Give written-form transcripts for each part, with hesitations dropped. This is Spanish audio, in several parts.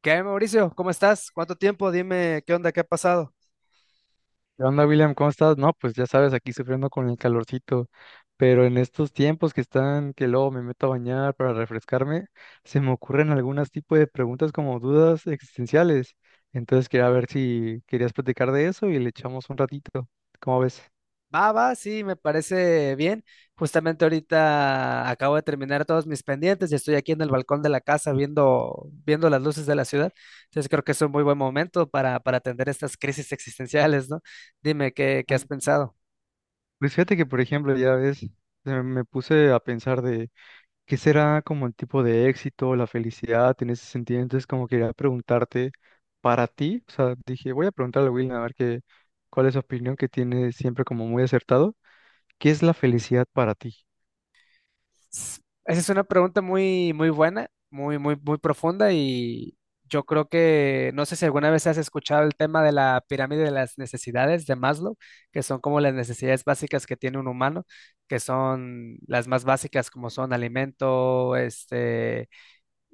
¿Qué, hay, Mauricio? ¿Cómo estás? ¿Cuánto tiempo? Dime qué onda, qué ha pasado. ¿Qué onda, William? ¿Cómo estás? No, pues ya sabes, aquí sufriendo con el calorcito, pero en estos tiempos que están, que luego me meto a bañar para refrescarme, se me ocurren algunos tipos de preguntas como dudas existenciales. Entonces quería ver si querías platicar de eso y le echamos un ratito. ¿Cómo ves? Va, va, sí, me parece bien. Justamente ahorita acabo de terminar todos mis pendientes y estoy aquí en el balcón de la casa viendo, las luces de la ciudad. Entonces creo que es un muy buen momento para atender estas crisis existenciales, ¿no? Dime qué, has An- pensado. Pues fíjate que, por ejemplo, ya ves, se me puse a pensar de ¿qué será como el tipo de éxito, la felicidad en ese sentido? Entonces, como quería preguntarte para ti, o sea, dije, voy a preguntarle a Will a ver qué, cuál es su opinión que tiene siempre como muy acertado. ¿Qué es la felicidad para ti? Esa es una pregunta muy, muy buena, muy, muy, muy profunda y yo creo que, no sé si alguna vez has escuchado el tema de la pirámide de las necesidades de Maslow, que son como las necesidades básicas que tiene un humano, que son las más básicas como son alimento,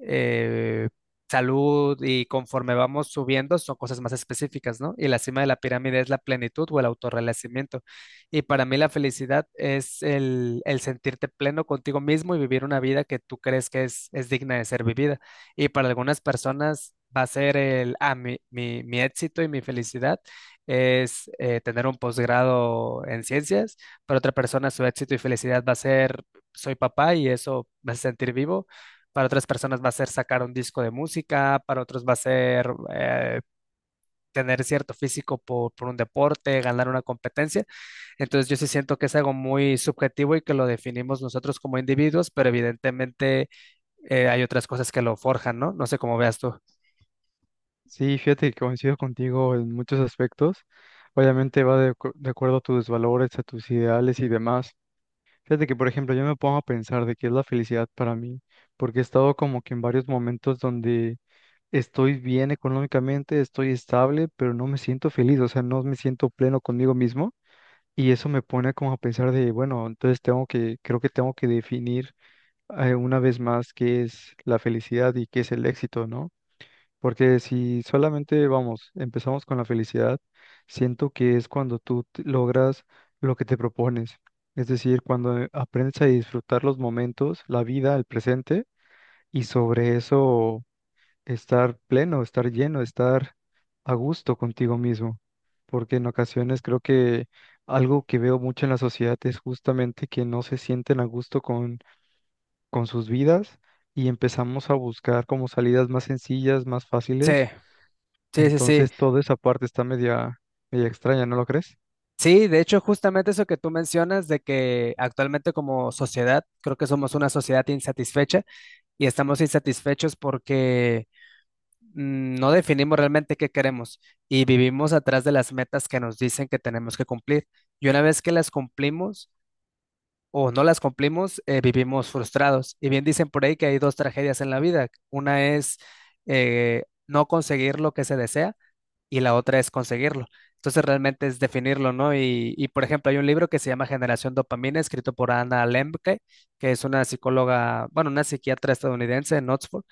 eh, salud, y conforme vamos subiendo son cosas más específicas, ¿no? Y la cima de la pirámide es la plenitud o el autorrealacimiento. Y para mí la felicidad es el sentirte pleno contigo mismo y vivir una vida que tú crees que es digna de ser vivida. Y para algunas personas va a ser el, ah, mi éxito y mi felicidad es tener un posgrado en ciencias. Para otra persona su éxito y felicidad va a ser, soy papá y eso me hace sentir vivo. Para otras personas va a ser sacar un disco de música, para otros va a ser tener cierto físico por, un deporte, ganar una competencia. Entonces yo sí siento que es algo muy subjetivo y que lo definimos nosotros como individuos, pero evidentemente hay otras cosas que lo forjan, ¿no? No sé cómo veas tú. Sí, fíjate que coincido contigo en muchos aspectos. Obviamente va de acuerdo a tus valores, a tus ideales y demás. Fíjate que, por ejemplo, yo me pongo a pensar de qué es la felicidad para mí, porque he estado como que en varios momentos donde estoy bien económicamente, estoy estable, pero no me siento feliz, o sea, no me siento pleno conmigo mismo. Y eso me pone como a pensar de, bueno, entonces tengo que, creo que tengo que definir una vez más qué es la felicidad y qué es el éxito, ¿no? Porque si solamente vamos, empezamos con la felicidad, siento que es cuando logras lo que te propones. Es decir, cuando aprendes a disfrutar los momentos, la vida, el presente, y sobre eso estar pleno, estar lleno, estar a gusto contigo mismo. Porque en ocasiones creo que algo que veo mucho en la sociedad es justamente que no se sienten a gusto con sus vidas y empezamos a buscar como salidas más sencillas, más Sí, fáciles. sí, sí, sí. Entonces, toda esa parte está media extraña, ¿no lo crees? Sí, de hecho, justamente eso que tú mencionas de que actualmente como sociedad, creo que somos una sociedad insatisfecha y estamos insatisfechos porque no definimos realmente qué queremos y vivimos atrás de las metas que nos dicen que tenemos que cumplir. Y una vez que las cumplimos o no las cumplimos, vivimos frustrados. Y bien dicen por ahí que hay dos tragedias en la vida. Una es no conseguir lo que se desea y la otra es conseguirlo. Entonces realmente es definirlo, ¿no? Por ejemplo, hay un libro que se llama Generación Dopamina, escrito por Anna Lemke, que es una psicóloga, bueno, una psiquiatra estadounidense en Oxford,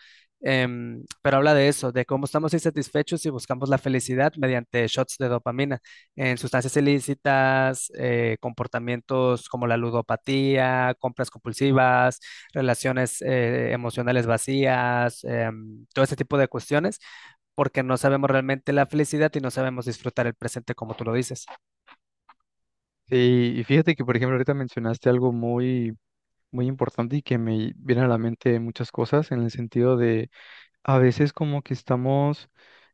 pero habla de eso, de cómo estamos insatisfechos y buscamos la felicidad mediante shots de dopamina en sustancias ilícitas, comportamientos como la ludopatía, compras compulsivas, relaciones emocionales vacías, todo ese tipo de cuestiones porque no sabemos realmente la felicidad y no sabemos disfrutar el presente como tú lo dices. Sí, y fíjate que, por ejemplo, ahorita mencionaste algo muy importante y que me viene a la mente muchas cosas en el sentido de a veces como que estamos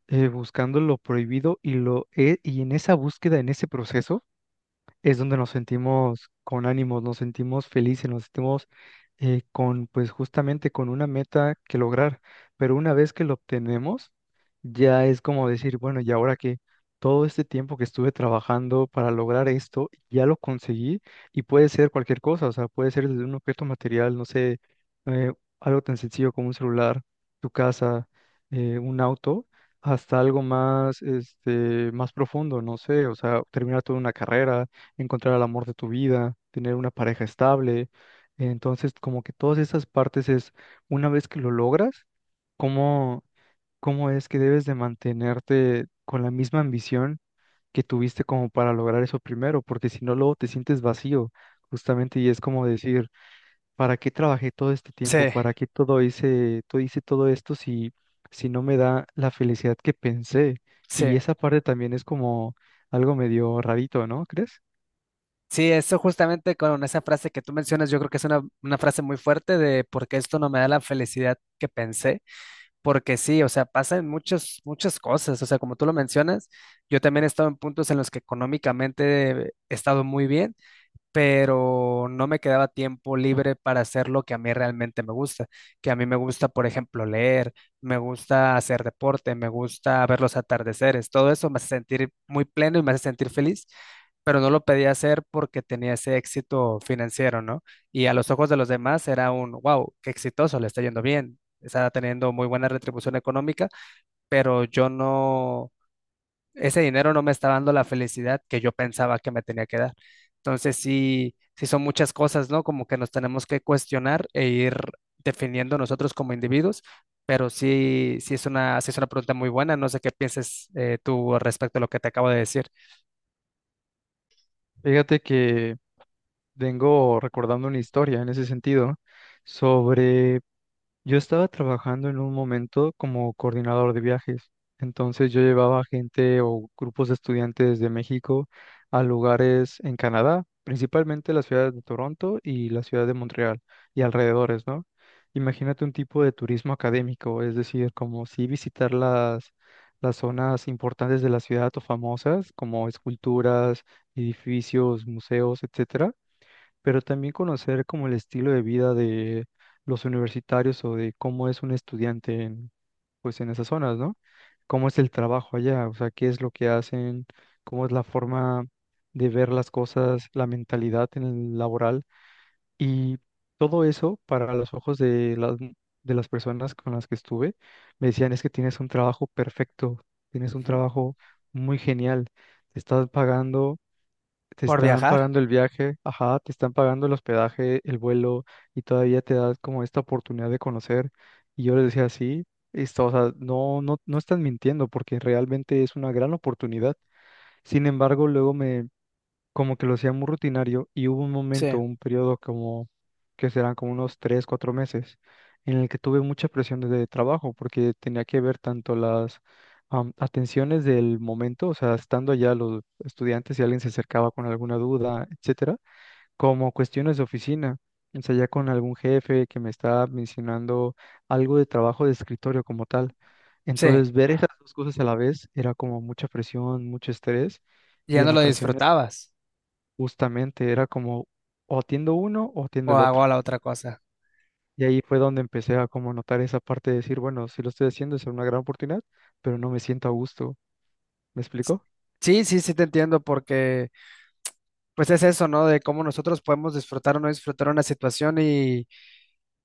buscando lo prohibido y en esa búsqueda, en ese proceso es donde nos sentimos con ánimos, nos sentimos felices, nos sentimos con, pues justamente con una meta que lograr. Pero una vez que lo obtenemos, ya es como decir, bueno, ¿y ahora que Todo este tiempo que estuve trabajando para lograr esto, ya lo conseguí, y puede ser cualquier cosa, o sea, puede ser desde un objeto material, no sé, eh, algo tan sencillo como un celular, tu casa, un auto, hasta algo más, este, más profundo, no sé, o sea, terminar toda una carrera, encontrar al amor de tu vida, tener una pareja estable. Entonces, como que todas esas partes es, una vez que lo logras, ¿cómo, cómo es que debes de mantenerte con la misma ambición que tuviste como para lograr eso primero? Porque si no, luego te sientes vacío, justamente, y es como decir, ¿para qué trabajé todo este Sí, tiempo? ¿Para qué todo hice todo esto si, si no me da la felicidad que pensé? Y sí. esa parte también es como algo medio rarito, ¿no crees? Sí, eso justamente con esa frase que tú mencionas, yo creo que es una frase muy fuerte de porque esto no me da la felicidad que pensé, porque sí, o sea, pasan muchas, muchas cosas, o sea, como tú lo mencionas, yo también he estado en puntos en los que económicamente he estado muy bien, pero no me quedaba tiempo libre para hacer lo que a mí realmente me gusta, que a mí me gusta, por ejemplo, leer, me gusta hacer deporte, me gusta ver los atardeceres, todo eso me hace sentir muy pleno y me hace sentir feliz, pero no lo podía hacer porque tenía ese éxito financiero, ¿no? Y a los ojos de los demás era un, wow, qué exitoso, le está yendo bien, está teniendo muy buena retribución económica, pero yo no, ese dinero no me está dando la felicidad que yo pensaba que me tenía que dar. Entonces sí, sí son muchas cosas, ¿no? Como que nos tenemos que cuestionar e ir definiendo nosotros como individuos, pero sí, sí es una pregunta muy buena. No sé qué pienses tú respecto a lo que te acabo de decir. Fíjate que vengo recordando una historia en ese sentido sobre, yo estaba trabajando en un momento como coordinador de viajes. Entonces yo llevaba gente o grupos de estudiantes de México a lugares en Canadá, principalmente las ciudades de Toronto y la ciudad de Montreal y alrededores, ¿no? Imagínate un tipo de turismo académico, es decir, como si visitar las zonas importantes de la ciudad o famosas, como esculturas, edificios, museos, etcétera, pero también conocer como el estilo de vida de los universitarios o de cómo es un estudiante en, pues en esas zonas, ¿no? ¿Cómo es el trabajo allá? O sea, ¿qué es lo que hacen? ¿Cómo es la forma de ver las cosas, la mentalidad en el laboral? Y todo eso para los ojos de de las personas con las que estuve, me decían, es que tienes un trabajo perfecto, tienes un Ujú. trabajo muy genial, te estás pagando te Por están viajar, pagando el viaje, ajá, te están pagando el hospedaje, el vuelo, y todavía te das como esta oportunidad de conocer. Y yo les decía, sí, esto, o sea, no, no, no están mintiendo porque realmente es una gran oportunidad. Sin embargo, como que lo hacía muy rutinario y hubo un momento, sí, un periodo como que serán como unos tres, cuatro meses, en el que tuve mucha presión de trabajo porque tenía que ver tanto las atenciones del momento, o sea, estando allá los estudiantes si alguien se acercaba con alguna duda, etcétera, como cuestiones de oficina. O sea, ya con algún jefe que me estaba mencionando algo de trabajo de escritorio como tal. sí, Entonces, ver esas dos cosas a la vez era como mucha presión, mucho estrés, y ya no en lo ocasiones disfrutabas justamente era como o atiendo uno o o atiendo el otro. hago la otra cosa. Y ahí fue donde empecé a como notar esa parte de decir, bueno, si lo estoy haciendo es una gran oportunidad, pero no me siento a gusto. ¿Me explico? Sí, sí, sí te entiendo porque pues es eso, ¿no? De cómo nosotros podemos disfrutar o no disfrutar una situación. y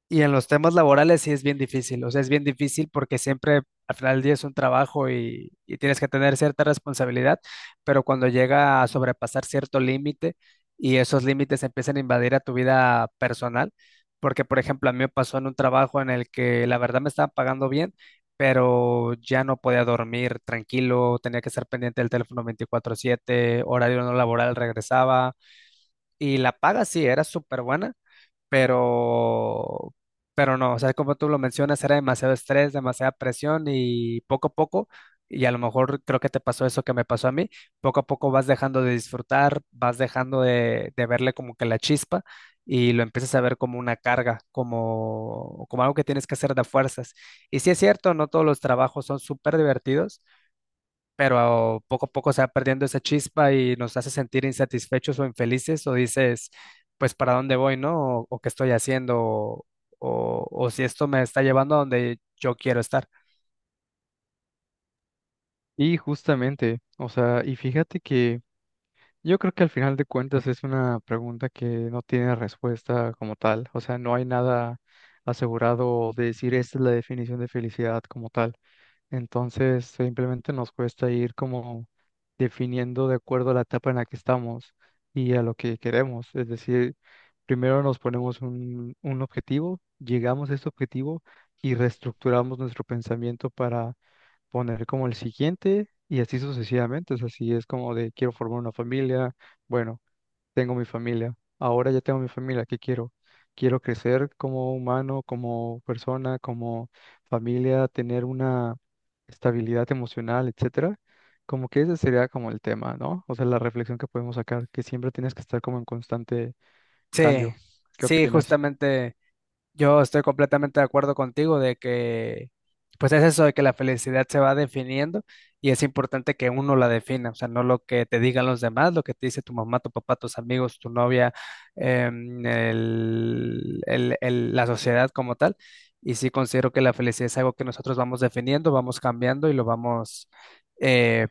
Y en los temas laborales sí es bien difícil, o sea, es bien difícil porque siempre al final del día es un trabajo y tienes que tener cierta responsabilidad, pero cuando llega a sobrepasar cierto límite y esos límites empiezan a invadir a tu vida personal, porque por ejemplo a mí me pasó en un trabajo en el que la verdad me estaban pagando bien, pero ya no podía dormir tranquilo, tenía que estar pendiente del teléfono 24/7, horario no laboral regresaba y la paga sí era súper buena pero, no, o sea, como tú lo mencionas, era demasiado estrés, demasiada presión y poco a poco, y a lo mejor creo que te pasó eso que me pasó a mí, poco a poco vas dejando de disfrutar, vas dejando de verle como que la chispa y lo empiezas a ver como una carga, como, algo que tienes que hacer de fuerzas. Y sí es cierto, no todos los trabajos son súper divertidos, pero poco a poco se va perdiendo esa chispa y nos hace sentir insatisfechos o infelices, o dices, pues, ¿para dónde voy, no? O qué estoy haciendo, o si esto me está llevando a donde yo quiero estar. Y justamente, o sea, y fíjate que yo creo que al final de cuentas es una pregunta que no tiene respuesta como tal. O sea, no hay nada asegurado de decir esta es la definición de felicidad como tal. Entonces, simplemente nos cuesta ir como definiendo de acuerdo a la etapa en la que estamos y a lo que queremos. Es decir, primero nos ponemos un objetivo, llegamos a ese objetivo y reestructuramos nuestro pensamiento para poner como el siguiente y así sucesivamente. O sea, si es como de quiero formar una familia, bueno, tengo mi familia. Ahora ya tengo mi familia. ¿Qué quiero? Quiero crecer como humano, como persona, como familia, tener una estabilidad emocional, etcétera. Como que ese sería como el tema, ¿no? O sea, la reflexión que podemos sacar, que siempre tienes que estar como en constante Sí, cambio. ¿Qué sí, opinas? justamente. Yo estoy completamente de acuerdo contigo de que, pues es eso de que la felicidad se va definiendo y es importante que uno la defina, o sea, no lo que te digan los demás, lo que te dice tu mamá, tu papá, tus amigos, tu novia, la sociedad como tal. Y sí considero que la felicidad es algo que nosotros vamos definiendo, vamos cambiando y lo vamos eh,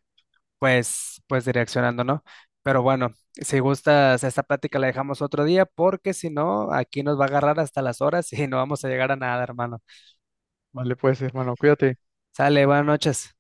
pues, direccionando, ¿no? Pero bueno, si gustas, esta plática la dejamos otro día porque si no, aquí nos va a agarrar hasta las horas y no vamos a llegar a nada, hermano. Vale, pues, hermano, cuídate. Sale, buenas noches.